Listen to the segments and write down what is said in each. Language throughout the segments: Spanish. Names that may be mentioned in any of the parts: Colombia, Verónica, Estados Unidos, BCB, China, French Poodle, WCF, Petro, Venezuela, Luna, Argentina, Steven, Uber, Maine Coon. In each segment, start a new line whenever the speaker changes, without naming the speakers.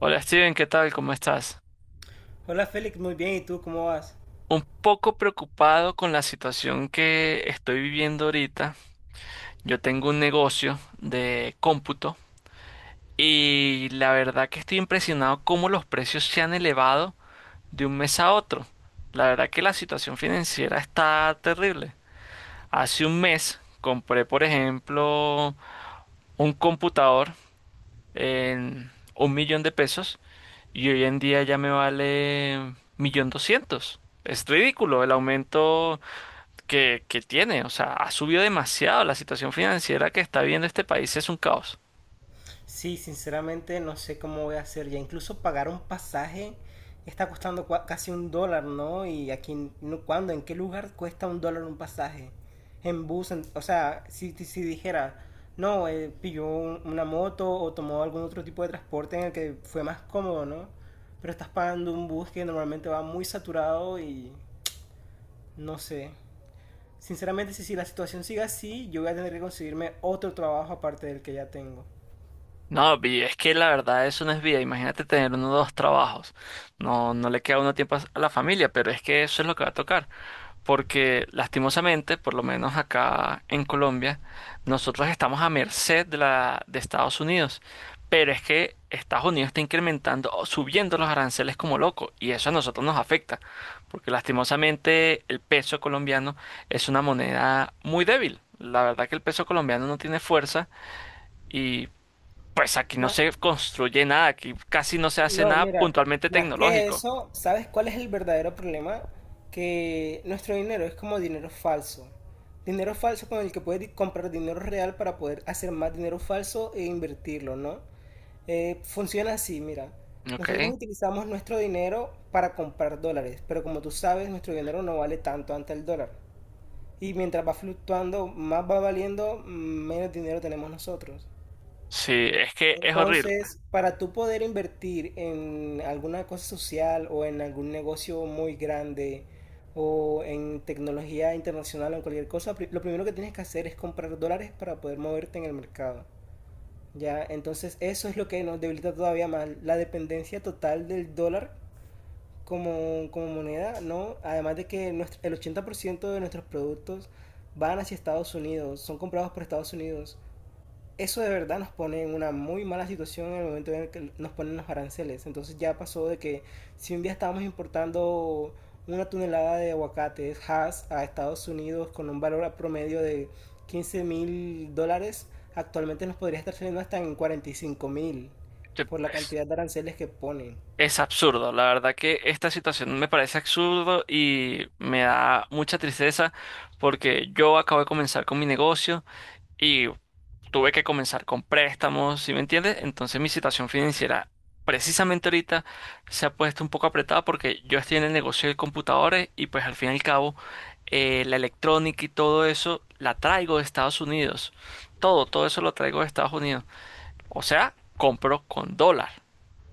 Hola Steven, ¿qué tal? ¿Cómo estás?
Hola Félix, muy bien, ¿y tú cómo vas?
Un poco preocupado con la situación que estoy viviendo ahorita. Yo tengo un negocio de cómputo y la verdad que estoy impresionado cómo los precios se han elevado de un mes a otro. La verdad que la situación financiera está terrible. Hace un mes compré, por ejemplo, un computador en 1.000.000 de pesos. Y hoy en día ya me vale 1.200.000. Es ridículo el aumento que tiene. O sea, ha subido demasiado. La situación financiera que está viviendo este país es un caos.
Sí, sinceramente no sé cómo voy a hacer ya. Incluso pagar un pasaje está costando casi un dólar, ¿no? Y aquí, no, ¿cuándo? ¿En qué lugar cuesta un dólar un pasaje? En bus, o sea, si dijera, no, pilló una moto o tomó algún otro tipo de transporte en el que fue más cómodo, ¿no? Pero estás pagando un bus que normalmente va muy saturado y no sé. Sinceramente, si la situación sigue así, yo voy a tener que conseguirme otro trabajo aparte del que ya tengo.
No, es que la verdad eso no es vida. Imagínate tener uno o dos trabajos. No, no le queda uno tiempo a la familia, pero es que eso es lo que va a tocar. Porque lastimosamente, por lo menos acá en Colombia, nosotros estamos a merced de la de Estados Unidos, pero es que Estados Unidos está incrementando o subiendo los aranceles como loco y eso a nosotros nos afecta, porque lastimosamente el peso colombiano es una moneda muy débil. La verdad que el peso colombiano no tiene fuerza y pues aquí no
Ma-
se construye nada, aquí casi no se hace
No,
nada
mira,
puntualmente
más que
tecnológico.
eso, ¿sabes cuál es el verdadero problema? Que nuestro dinero es como dinero falso. Dinero falso con el que puedes comprar dinero real para poder hacer más dinero falso e invertirlo, ¿no? Funciona así, mira. Nosotros
Ok.
utilizamos nuestro dinero para comprar dólares, pero como tú sabes, nuestro dinero no vale tanto ante el dólar. Y mientras va fluctuando, más va valiendo, menos dinero tenemos nosotros.
Sí, es que es horrible.
Entonces, para tú poder invertir en alguna cosa social o en algún negocio muy grande o en tecnología internacional o en cualquier cosa, lo primero que tienes que hacer es comprar dólares para poder moverte en el mercado. Ya, entonces eso es lo que nos debilita todavía más, la dependencia total del dólar como moneda, ¿no? Además de que nuestro- el 80% de nuestros productos van hacia Estados Unidos, son comprados por Estados Unidos. Eso de verdad nos pone en una muy mala situación en el momento en el que nos ponen los aranceles. Entonces ya pasó de que si un día estábamos importando una tonelada de aguacates Hass a Estados Unidos con un valor promedio de 15 mil dólares, actualmente nos podría estar saliendo hasta en 45 mil
Te-
por la cantidad de aranceles que ponen.
Es absurdo, la verdad que esta situación me parece absurdo y me da mucha tristeza porque yo acabo de comenzar con mi negocio y tuve que comenzar con préstamos, ¿sí me entiendes? Entonces mi situación financiera precisamente ahorita se ha puesto un poco apretada porque yo estoy en el negocio de computadores y pues al fin y al cabo la electrónica y todo eso la traigo de Estados Unidos. Todo, todo eso lo traigo de Estados Unidos. O sea, compro con dólar.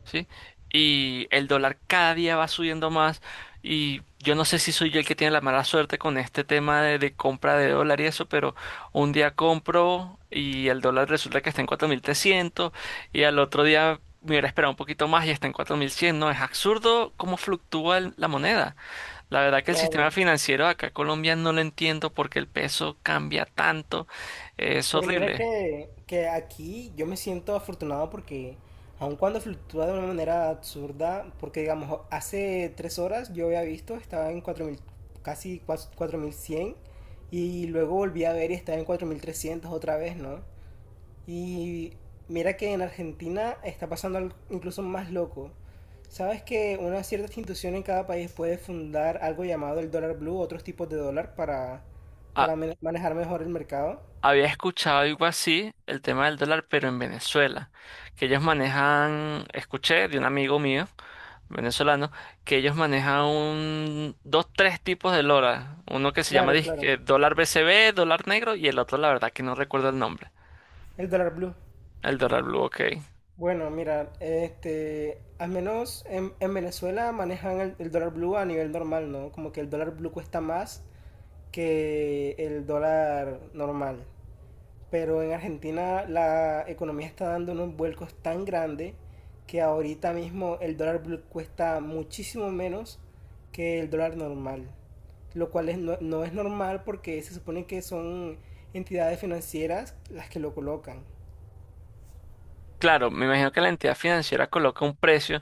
¿Sí? Y el dólar cada día va subiendo más y yo no sé si soy yo el que tiene la mala suerte con este tema de compra de dólar y eso, pero un día compro y el dólar resulta que está en 4.300 y al otro día me hubiera esperado un poquito más y está en 4.100. No, es absurdo cómo fluctúa la moneda. La verdad que el sistema
Claro.
financiero acá en Colombia no lo entiendo porque el peso cambia tanto. Es
Pero mira
horrible.
que aquí yo me siento afortunado porque aun cuando fluctúa de una manera absurda, porque digamos, hace 3 horas yo había visto, estaba en 4.000 casi 4.100 y luego volví a ver y estaba en 4.300 otra vez, ¿no? Y mira que en Argentina está pasando algo incluso más loco. ¿Sabes que una cierta institución en cada país puede fundar algo llamado el dólar blue, otros tipos de dólar para manejar mejor el mercado?
Había escuchado algo así, el tema del dólar, pero en Venezuela, que ellos manejan, escuché de un amigo mío, venezolano, que ellos manejan un, dos, tres tipos de dólar. Uno que se llama
Claro,
disque
claro.
dólar BCB, dólar negro, y el otro, la verdad que no recuerdo el nombre.
El dólar blue.
El dólar blue, ok.
Bueno, mira, al menos en Venezuela manejan el dólar blue a nivel normal, ¿no? Como que el dólar blue cuesta más que el dólar normal. Pero en Argentina la economía está dando unos vuelcos tan grandes que ahorita mismo el dólar blue cuesta muchísimo menos que el dólar normal. Lo cual es, no, no es normal porque se supone que son entidades financieras las que lo colocan.
Claro, me imagino que la entidad financiera coloca un precio,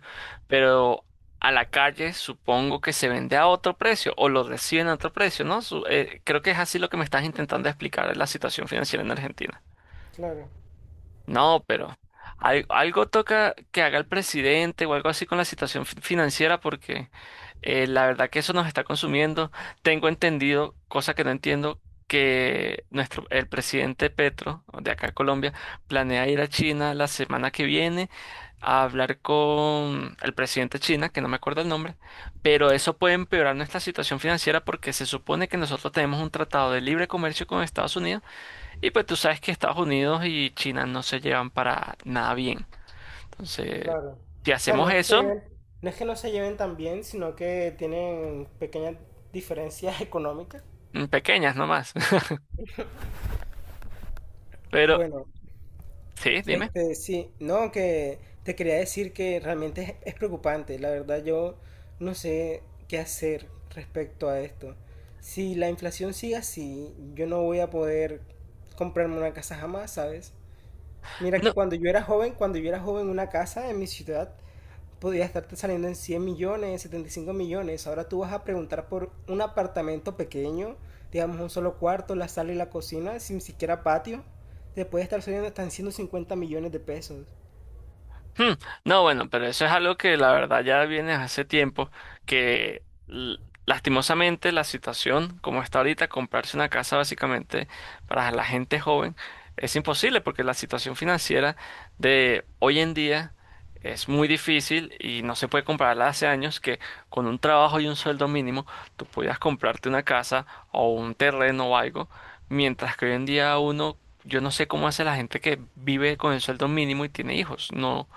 pero a la calle supongo que se vende a otro precio o lo reciben a otro precio, ¿no? Creo que es así lo que me estás intentando explicar de la situación financiera en Argentina.
Claro.
No, pero algo toca que haga el presidente o algo así con la situación financiera porque la verdad que eso nos está consumiendo. Tengo entendido, cosa que no entiendo, que nuestro, el presidente Petro de acá de Colombia planea ir a China la semana que viene a hablar con el presidente de China, que no me acuerdo el nombre, pero eso puede empeorar nuestra situación financiera porque se supone que nosotros tenemos un tratado de libre comercio con Estados Unidos y pues tú sabes que Estados Unidos y China no se llevan para nada bien. Entonces,
Claro.
si
O sea, no
hacemos
es que se
eso,
lleven, no es que no se lleven tan bien, sino que tienen pequeñas diferencias económicas.
pequeñas nomás. Pero,
Bueno,
sí, dime.
sí, no, que te quería decir que realmente es preocupante. La verdad, yo no sé qué hacer respecto a esto. Si la inflación sigue así, yo no voy a poder comprarme una casa jamás, ¿sabes? Mira
No,
que cuando yo era joven, cuando yo era joven, una casa en mi ciudad podría estarte saliendo en 100 millones, 75 millones. Ahora tú vas a preguntar por un apartamento pequeño, digamos un solo cuarto, la sala y la cocina, sin siquiera patio. Te puede estar saliendo hasta en 150 millones de pesos.
Hmm, No, bueno, pero eso es algo que la verdad ya viene hace tiempo, que lastimosamente la situación como está ahorita, comprarse una casa básicamente para la gente joven es imposible porque la situación financiera de hoy en día es muy difícil y no se puede compararla hace años que con un trabajo y un sueldo mínimo tú podías comprarte una casa o un terreno o algo, mientras que hoy en día uno, yo no sé cómo hace la gente que vive con el sueldo mínimo y tiene hijos, no.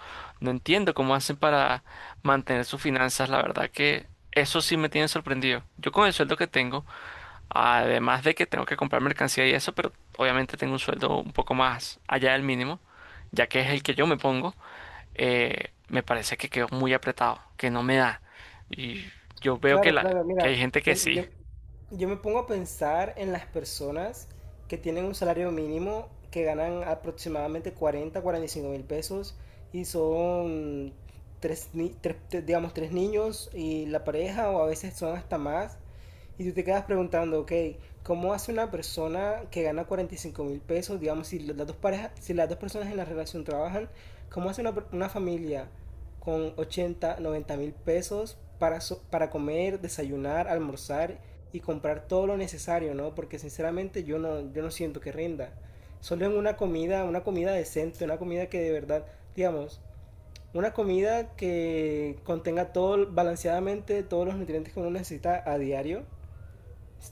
No entiendo cómo hacen para mantener sus finanzas. La verdad que eso sí me tiene sorprendido. Yo con el sueldo que tengo, además de que tengo que comprar mercancía y eso, pero obviamente tengo un sueldo un poco más allá del mínimo, ya que es el que yo me pongo, me parece que quedo muy apretado, que no me da. Y yo veo que,
Claro, claro,
que hay
mira,
gente que
yo,
sí.
yo- yo me pongo a pensar en las personas que tienen un salario mínimo que ganan aproximadamente 40, 45 mil pesos y son tres, ni- tres- te- digamos, tres niños y la pareja o a veces son hasta más. Y tú te quedas preguntando, ok, ¿cómo hace una persona que gana 45.000 pesos, digamos, si las dos parejas, si las dos personas en la relación trabajan, cómo hace una familia con 80, 90.000 pesos para, para comer, desayunar, almorzar y comprar todo lo necesario, ¿no? Porque sinceramente yo no siento que rinda. Solo en una comida decente, una comida que de verdad, digamos, una comida que contenga todo balanceadamente todos los nutrientes que uno necesita a diario.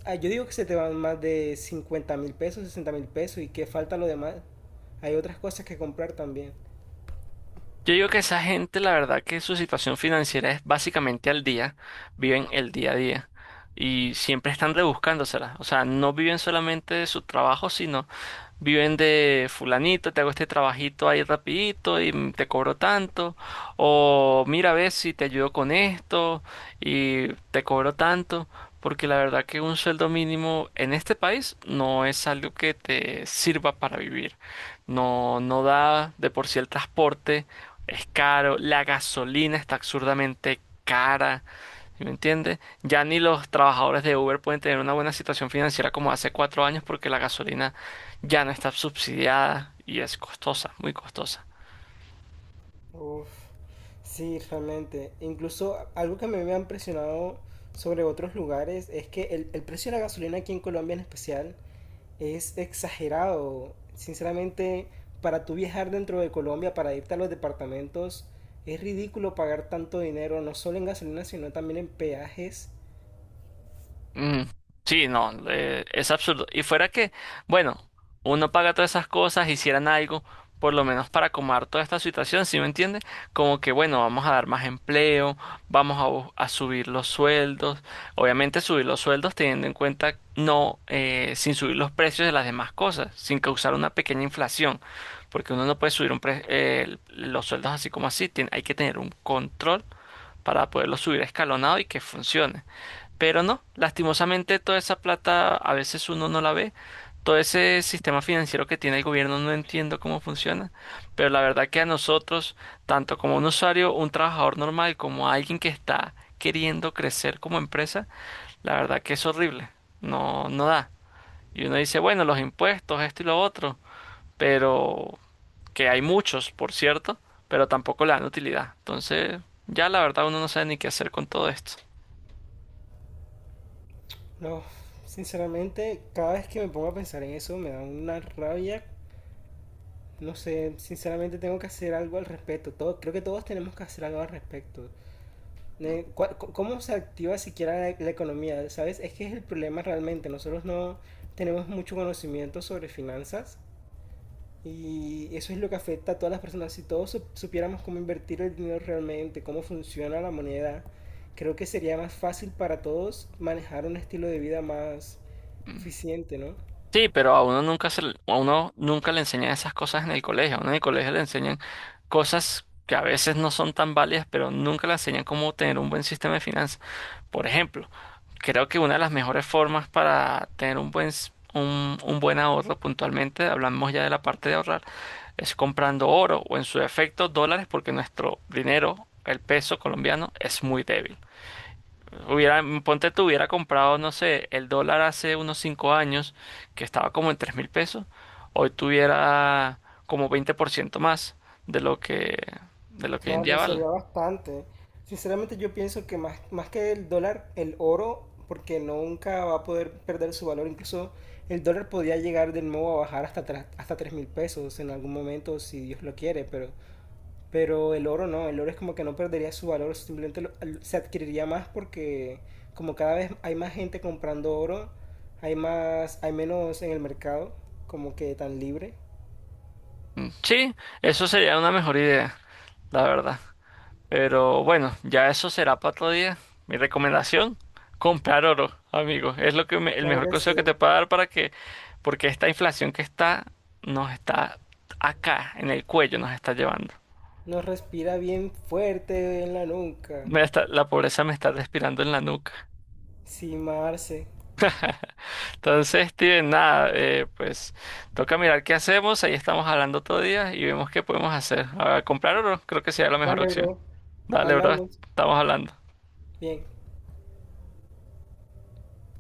Ah, yo digo que se te van más de 50.000 pesos, 60.000 pesos y que falta lo demás. Hay otras cosas que comprar también.
Yo digo que esa gente, la verdad que su situación financiera es básicamente al día, viven el día a día y siempre están rebuscándosela. O sea, no viven solamente de su trabajo, sino viven de fulanito, te hago este trabajito ahí rapidito y te cobro tanto, o mira a ver si te ayudo con esto y te cobro tanto, porque la verdad que un sueldo mínimo en este país no es algo que te sirva para vivir. No, no da de por sí el transporte es caro, la gasolina está absurdamente cara. ¿Sí, me entiendes? Ya ni los trabajadores de Uber pueden tener una buena situación financiera como hace 4 años porque la gasolina ya no está subsidiada y es costosa, muy costosa.
Uf, sí, realmente. Incluso algo que a mí me ha impresionado sobre otros lugares es que el precio de la gasolina aquí en Colombia en especial es exagerado. Sinceramente, para tú viajar dentro de Colombia, para irte a los departamentos, es ridículo pagar tanto dinero, no solo en gasolina, sino también en peajes.
Mm, sí, no, es absurdo. Y fuera que, bueno, uno paga todas esas cosas, hicieran algo, por lo menos para acomodar toda esta situación, ¿sí me entiende? Como que, bueno, vamos a dar más empleo, vamos a, a subir los sueldos, obviamente subir los sueldos teniendo en cuenta, no, sin subir los precios de las demás cosas, sin causar una pequeña inflación, porque uno no puede subir un los sueldos así como así, hay que tener un control para poderlo subir escalonado y que funcione. Pero no, lastimosamente toda esa plata a veces uno no la ve. Todo ese sistema financiero que tiene el gobierno no entiendo cómo funciona, pero la verdad que a nosotros, tanto como un usuario, un trabajador normal, como alguien que está queriendo crecer como empresa, la verdad que es horrible. No, no da. Y uno dice, bueno, los impuestos, esto y lo otro, pero que hay muchos, por cierto, pero tampoco le dan utilidad. Entonces, ya la verdad uno no sabe ni qué hacer con todo esto.
No, sinceramente, cada vez que me pongo a pensar en eso me da una rabia. No sé, sinceramente tengo que hacer algo al respecto. Todo, creo que todos tenemos que hacer algo al respecto. ¿Cómo se activa siquiera la economía? ¿Sabes? Es que es el problema realmente. Nosotros no tenemos mucho conocimiento sobre finanzas y eso es lo que afecta a todas las personas. Si todos supiéramos cómo invertir el dinero realmente, cómo funciona la moneda, creo que sería más fácil para todos manejar un estilo de vida más eficiente, ¿no?
Sí, pero a uno nunca a uno nunca le enseñan esas cosas en el colegio. A uno en el colegio le enseñan cosas que a veces no son tan válidas, pero nunca le enseñan cómo tener un buen sistema de finanzas. Por ejemplo, creo que una de las mejores formas para tener un buen, un buen ahorro puntualmente, hablamos ya de la parte de ahorrar, es comprando oro o en su defecto dólares, porque nuestro dinero, el peso colombiano, es muy débil. Hubiera, ponte tú, hubiera comprado, no sé, el dólar hace unos 5 años, que estaba como en 3.000 pesos, hoy tuviera como 20% más de lo que, de lo que hoy en
Claro
día
y
vale.
sería bastante. Sinceramente yo pienso que más, más que el dólar, el oro, porque nunca va a poder perder su valor. Incluso el dólar podría llegar de nuevo a bajar hasta 3.000 pesos en algún momento, si Dios lo quiere, pero. Pero el oro no, el oro es como que no perdería su valor, simplemente se adquiriría más porque como cada vez hay más gente comprando oro, hay más, hay menos en el mercado, como que tan libre.
Sí, eso sería una mejor idea, la verdad. Pero bueno, ya eso será para otro día. Mi recomendación, comprar oro, amigo. Es lo que el
Claro
mejor
que
consejo que
sí.
te puedo dar para que, porque esta inflación que está, nos está acá, en el cuello, nos está llevando.
Nos respira bien fuerte en la nuca.
La pobreza me está respirando en la nuca.
Sí, Marce.
Entonces, Steven, nada, pues toca mirar qué hacemos. Ahí estamos hablando todo día y vemos qué podemos hacer. A comprar oro, creo que sería la mejor
Dale,
opción.
bro.
Dale, bro,
Hablamos.
estamos hablando.
Bien.